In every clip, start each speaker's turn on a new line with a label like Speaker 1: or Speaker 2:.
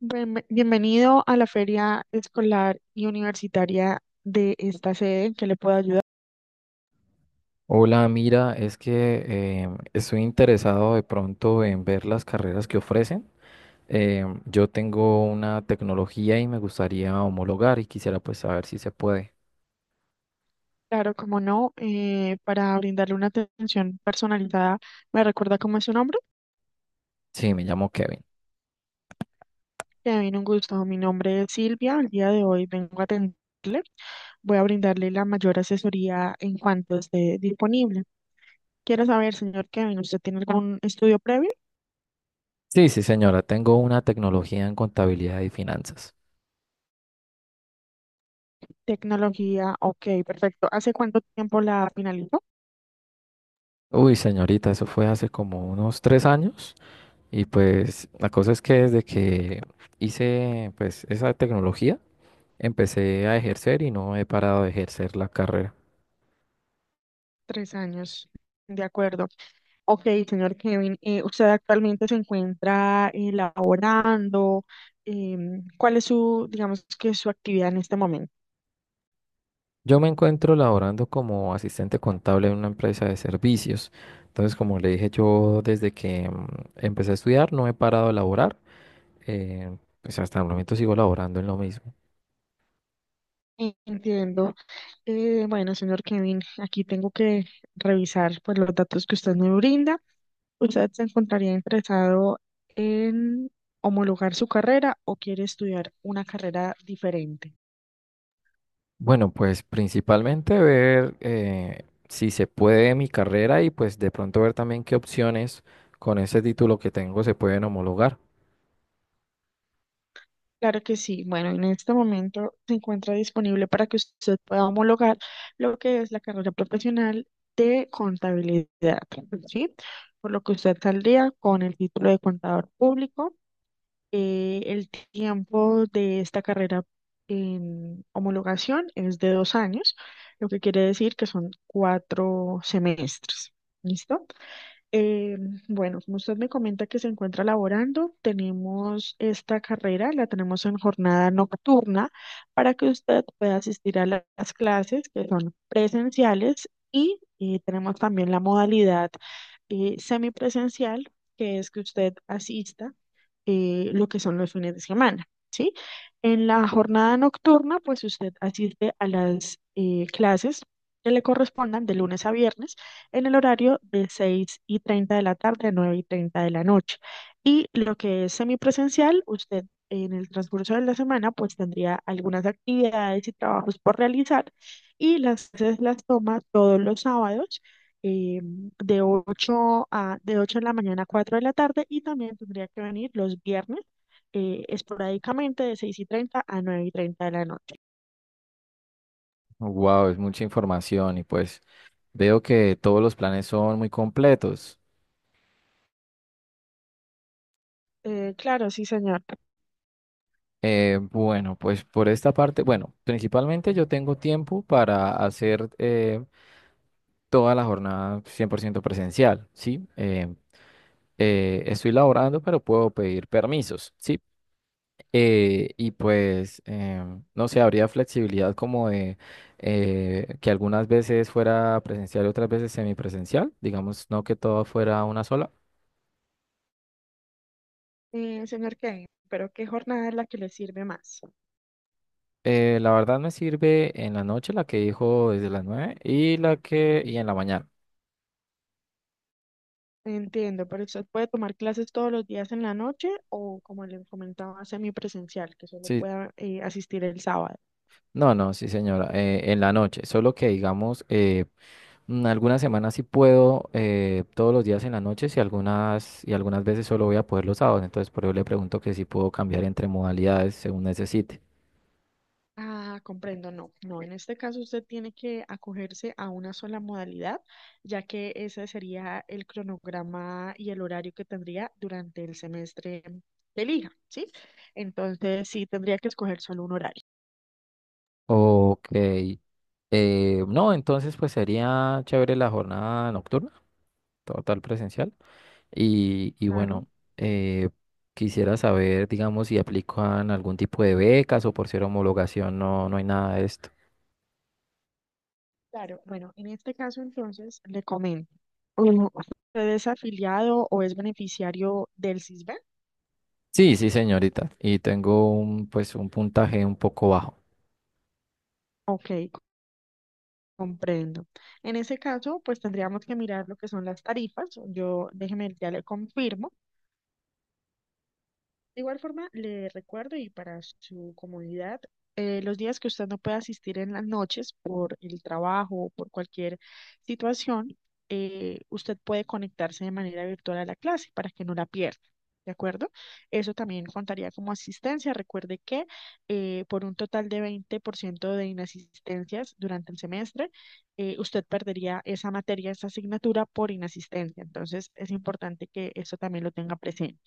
Speaker 1: Bienvenido a la feria escolar y universitaria de esta sede, ¿en qué le puedo ayudar?
Speaker 2: Hola, mira, es que estoy interesado de pronto en ver las carreras que ofrecen. Yo tengo una tecnología y me gustaría homologar y quisiera pues saber si se puede.
Speaker 1: Claro, como no, para brindarle una atención personalizada, ¿me recuerda cómo es su nombre?
Speaker 2: Sí, me llamo Kevin.
Speaker 1: Que bien, un gusto. Mi nombre es Silvia, el día de hoy vengo a atenderle. Voy a brindarle la mayor asesoría en cuanto esté disponible. Quiero saber, señor Kevin, ¿usted tiene algún estudio previo?
Speaker 2: Sí, sí, señora, tengo una tecnología en contabilidad y finanzas.
Speaker 1: Tecnología, ok, perfecto. ¿Hace cuánto tiempo la finalizó?
Speaker 2: Uy, señorita, eso fue hace como unos 3 años y pues la cosa es que desde que hice pues esa tecnología empecé a ejercer y no he parado de ejercer la carrera.
Speaker 1: Tres años, de acuerdo. Ok, señor Kevin, ¿usted actualmente se encuentra laborando? ¿Cuál es su, digamos que su actividad en este momento?
Speaker 2: Yo me encuentro laborando como asistente contable en una empresa de servicios. Entonces, como le dije, yo desde que empecé a estudiar no he parado de laborar. Pues hasta el momento sigo laborando en lo mismo.
Speaker 1: Entiendo. Bueno, señor Kevin, aquí tengo que revisar pues, los datos que usted me brinda. ¿Usted se encontraría interesado en homologar su carrera o quiere estudiar una carrera diferente?
Speaker 2: Bueno, pues principalmente ver si se puede mi carrera y pues de pronto ver también qué opciones con ese título que tengo se pueden homologar.
Speaker 1: Claro que sí. Bueno, en este momento se encuentra disponible para que usted pueda homologar lo que es la carrera profesional de contabilidad, ¿sí? Por lo que usted saldría con el título de contador público. El tiempo de esta carrera en homologación es de 2 años, lo que quiere decir que son cuatro semestres. ¿Listo? Eh, bueno, como usted me comenta que se encuentra laborando, tenemos esta carrera, la tenemos en jornada nocturna para que usted pueda asistir a las clases que son presenciales y, tenemos también la modalidad semipresencial, que es que usted asista lo que son los fines de semana. ¿Sí? En la jornada nocturna, pues usted asiste a las clases que le correspondan de lunes a viernes en el horario de 6:30 de la tarde a 9:30 de la noche. Y lo que es semipresencial, usted en el transcurso de la semana, pues tendría algunas actividades y trabajos por realizar y las clases las toma todos los sábados. eh, de de 8 de la mañana a 4 de la tarde y también tendría que venir los viernes esporádicamente de 6:30 a 9:30 de la noche.
Speaker 2: Wow, es mucha información y pues veo que todos los planes son muy completos.
Speaker 1: Claro, sí, señor.
Speaker 2: Bueno, pues por esta parte, bueno, principalmente yo tengo tiempo para hacer toda la jornada 100% presencial, ¿sí? Estoy laborando, pero puedo pedir permisos, ¿sí? Y pues, no sé, habría flexibilidad como de que algunas veces fuera presencial y otras veces semipresencial, digamos, no que todo fuera una sola.
Speaker 1: Señor Kevin, pero ¿qué jornada es la que le sirve más?
Speaker 2: La verdad me sirve en la noche la que dijo desde las 9 y en la mañana.
Speaker 1: Entiendo, pero usted puede tomar clases todos los días en la noche o, como le comentaba, semipresencial, que solo
Speaker 2: Sí,
Speaker 1: pueda asistir el sábado.
Speaker 2: no, no, sí, señora, en la noche, solo que digamos, algunas semanas sí puedo, todos los días en la noche y y algunas veces solo voy a poder los sábados, entonces por eso le pregunto que si puedo cambiar entre modalidades según necesite.
Speaker 1: Ah, comprendo, no, no, en este caso usted tiene que acogerse a una sola modalidad, ya que ese sería el cronograma y el horario que tendría durante el semestre que elija, ¿sí? Entonces sí tendría que escoger solo un horario.
Speaker 2: Ok, no, entonces pues sería chévere la jornada nocturna, total presencial, y
Speaker 1: Claro,
Speaker 2: bueno, eh, quisiera saber, digamos, si aplican algún tipo de becas o por ser homologación, no, no hay nada de esto.
Speaker 1: claro. Bueno, en este caso entonces le comento, mm, ¿usted es afiliado o es beneficiario del CISBEN?
Speaker 2: Sí, sí, señorita. Y tengo un, pues, un puntaje un poco bajo.
Speaker 1: Ok, comprendo. En ese caso, pues tendríamos que mirar lo que son las tarifas. Yo, déjeme, ya le confirmo. De igual forma, le recuerdo y para su comodidad, los días que usted no pueda asistir en las noches por el trabajo o por cualquier situación, usted puede conectarse de manera virtual a la clase para que no la pierda. ¿De acuerdo? Eso también contaría como asistencia. Recuerde que por un total de 20% de inasistencias durante el semestre, usted perdería esa materia, esa asignatura por inasistencia. Entonces, es importante que eso también lo tenga presente.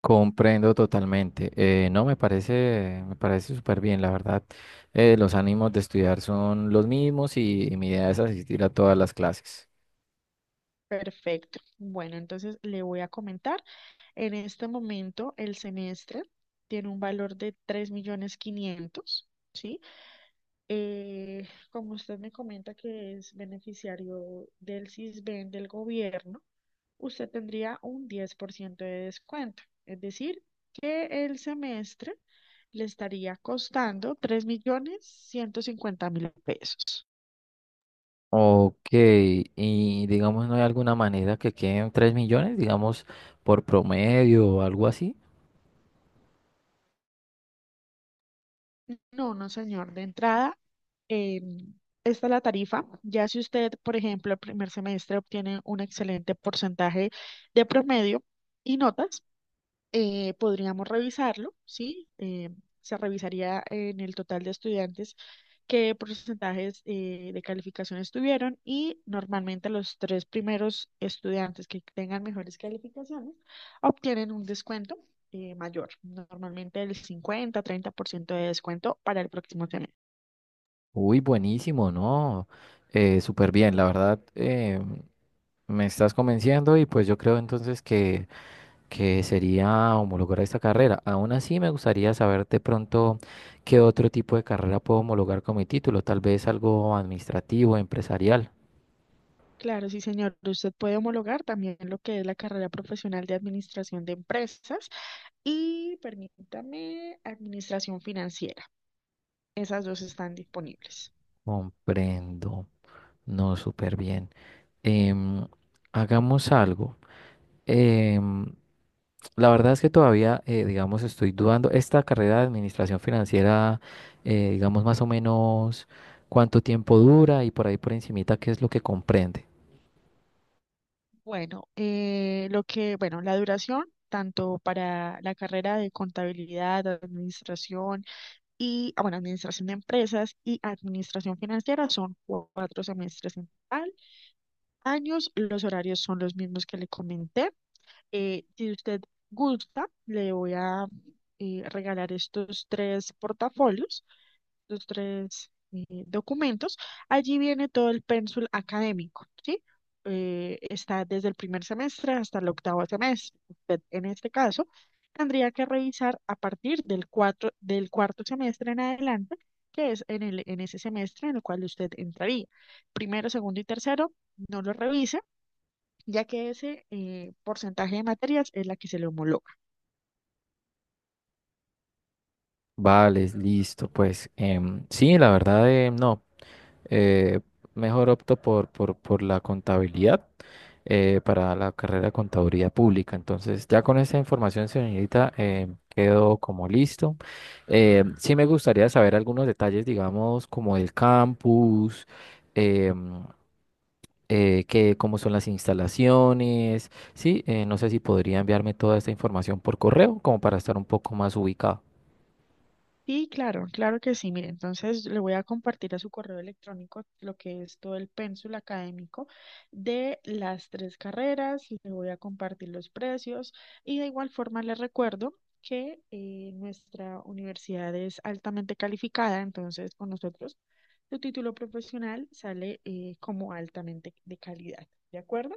Speaker 2: Comprendo totalmente. No, me parece súper bien, la verdad. Los ánimos de estudiar son los mismos y mi idea es asistir a todas las clases.
Speaker 1: Perfecto. Bueno, entonces le voy a comentar. En este momento el semestre tiene un valor de 3.500.000, ¿sí? Como usted me comenta que es beneficiario del CISBEN del gobierno, usted tendría un 10% de descuento. Es decir, que el semestre le estaría costando $3.150.000.
Speaker 2: Ok, y digamos, ¿no hay alguna manera que queden 3 millones, digamos, por promedio o algo así?
Speaker 1: No, no, señor. De entrada, eh, esta es la tarifa. Ya si usted, por ejemplo, el primer semestre obtiene un excelente porcentaje de promedio y notas, podríamos revisarlo, ¿sí? Se revisaría en el total de estudiantes qué porcentajes de calificaciones tuvieron y normalmente los tres primeros estudiantes que tengan mejores calificaciones obtienen un descuento mayor, normalmente el 50-30% de descuento para el próximo semestre.
Speaker 2: Uy, buenísimo, ¿no? Súper bien, la verdad. Me estás convenciendo y pues yo creo entonces que sería homologar esta carrera. Aún así, me gustaría saber de pronto qué otro tipo de carrera puedo homologar con mi título, tal vez algo administrativo, empresarial.
Speaker 1: Claro, sí, señor. Usted puede homologar también lo que es la carrera profesional de administración de empresas y permítame administración financiera. Esas dos están disponibles.
Speaker 2: Comprendo. No, súper bien. Em, Hagamos algo. Em, la verdad es que todavía, digamos, estoy dudando. Esta carrera de administración financiera, digamos, más o menos cuánto tiempo dura y por ahí por encimita, qué es lo que comprende.
Speaker 1: Bueno, bueno, la duración, tanto para la carrera de contabilidad, administración y, ah, bueno, administración de empresas y administración financiera son cuatro semestres en total. Años, los horarios son los mismos que le comenté. Si usted gusta, le voy a regalar estos tres portafolios los tres documentos, allí viene todo el pénsul académico, ¿sí? Está desde el primer semestre hasta el octavo semestre. Usted, en este caso, tendría que revisar a partir del cuarto semestre en adelante, que es en en ese semestre en el cual usted entraría. Primero, segundo y tercero, no lo revise, ya que ese porcentaje de materias es la que se le homologa.
Speaker 2: Vale, listo, pues sí, la verdad, no, eh, mejor opto por la contabilidad, para la carrera de contaduría pública. Entonces, ya con esa información, señorita, quedo como listo. Sí me gustaría saber algunos detalles, digamos, como el campus, em, cómo son las instalaciones, sí, no sé si podría enviarme toda esta información por correo, como para estar un poco más ubicado.
Speaker 1: Sí, claro, claro que sí. Mire, entonces le voy a compartir a su correo electrónico lo que es todo el pénsul académico de las tres carreras, le voy a compartir los precios y de igual forma le recuerdo que nuestra universidad es altamente calificada, entonces con nosotros su título profesional sale como altamente de calidad. ¿De acuerdo?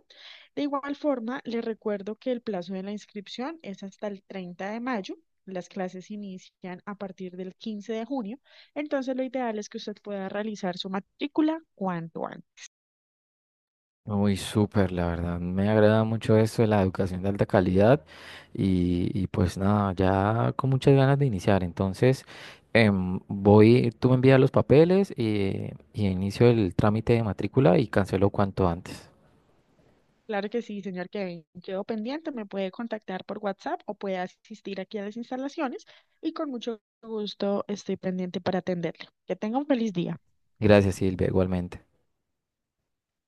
Speaker 1: De igual forma, le recuerdo que el plazo de la inscripción es hasta el 30 de mayo. Las clases inician a partir del 15 de junio, entonces lo ideal es que usted pueda realizar su matrícula cuanto antes.
Speaker 2: Muy súper, la verdad. Me agrada mucho eso de la educación de alta calidad y pues nada, ya con muchas ganas de iniciar. Entonces, voy, tú me envías los papeles y inicio el trámite de matrícula y cancelo cuanto antes.
Speaker 1: Claro que sí, señor Kevin. Quedo pendiente, me puede contactar por WhatsApp o puede asistir aquí a las instalaciones y con mucho gusto estoy pendiente para atenderle. Que tenga un feliz día.
Speaker 2: Gracias, Silvia, igualmente.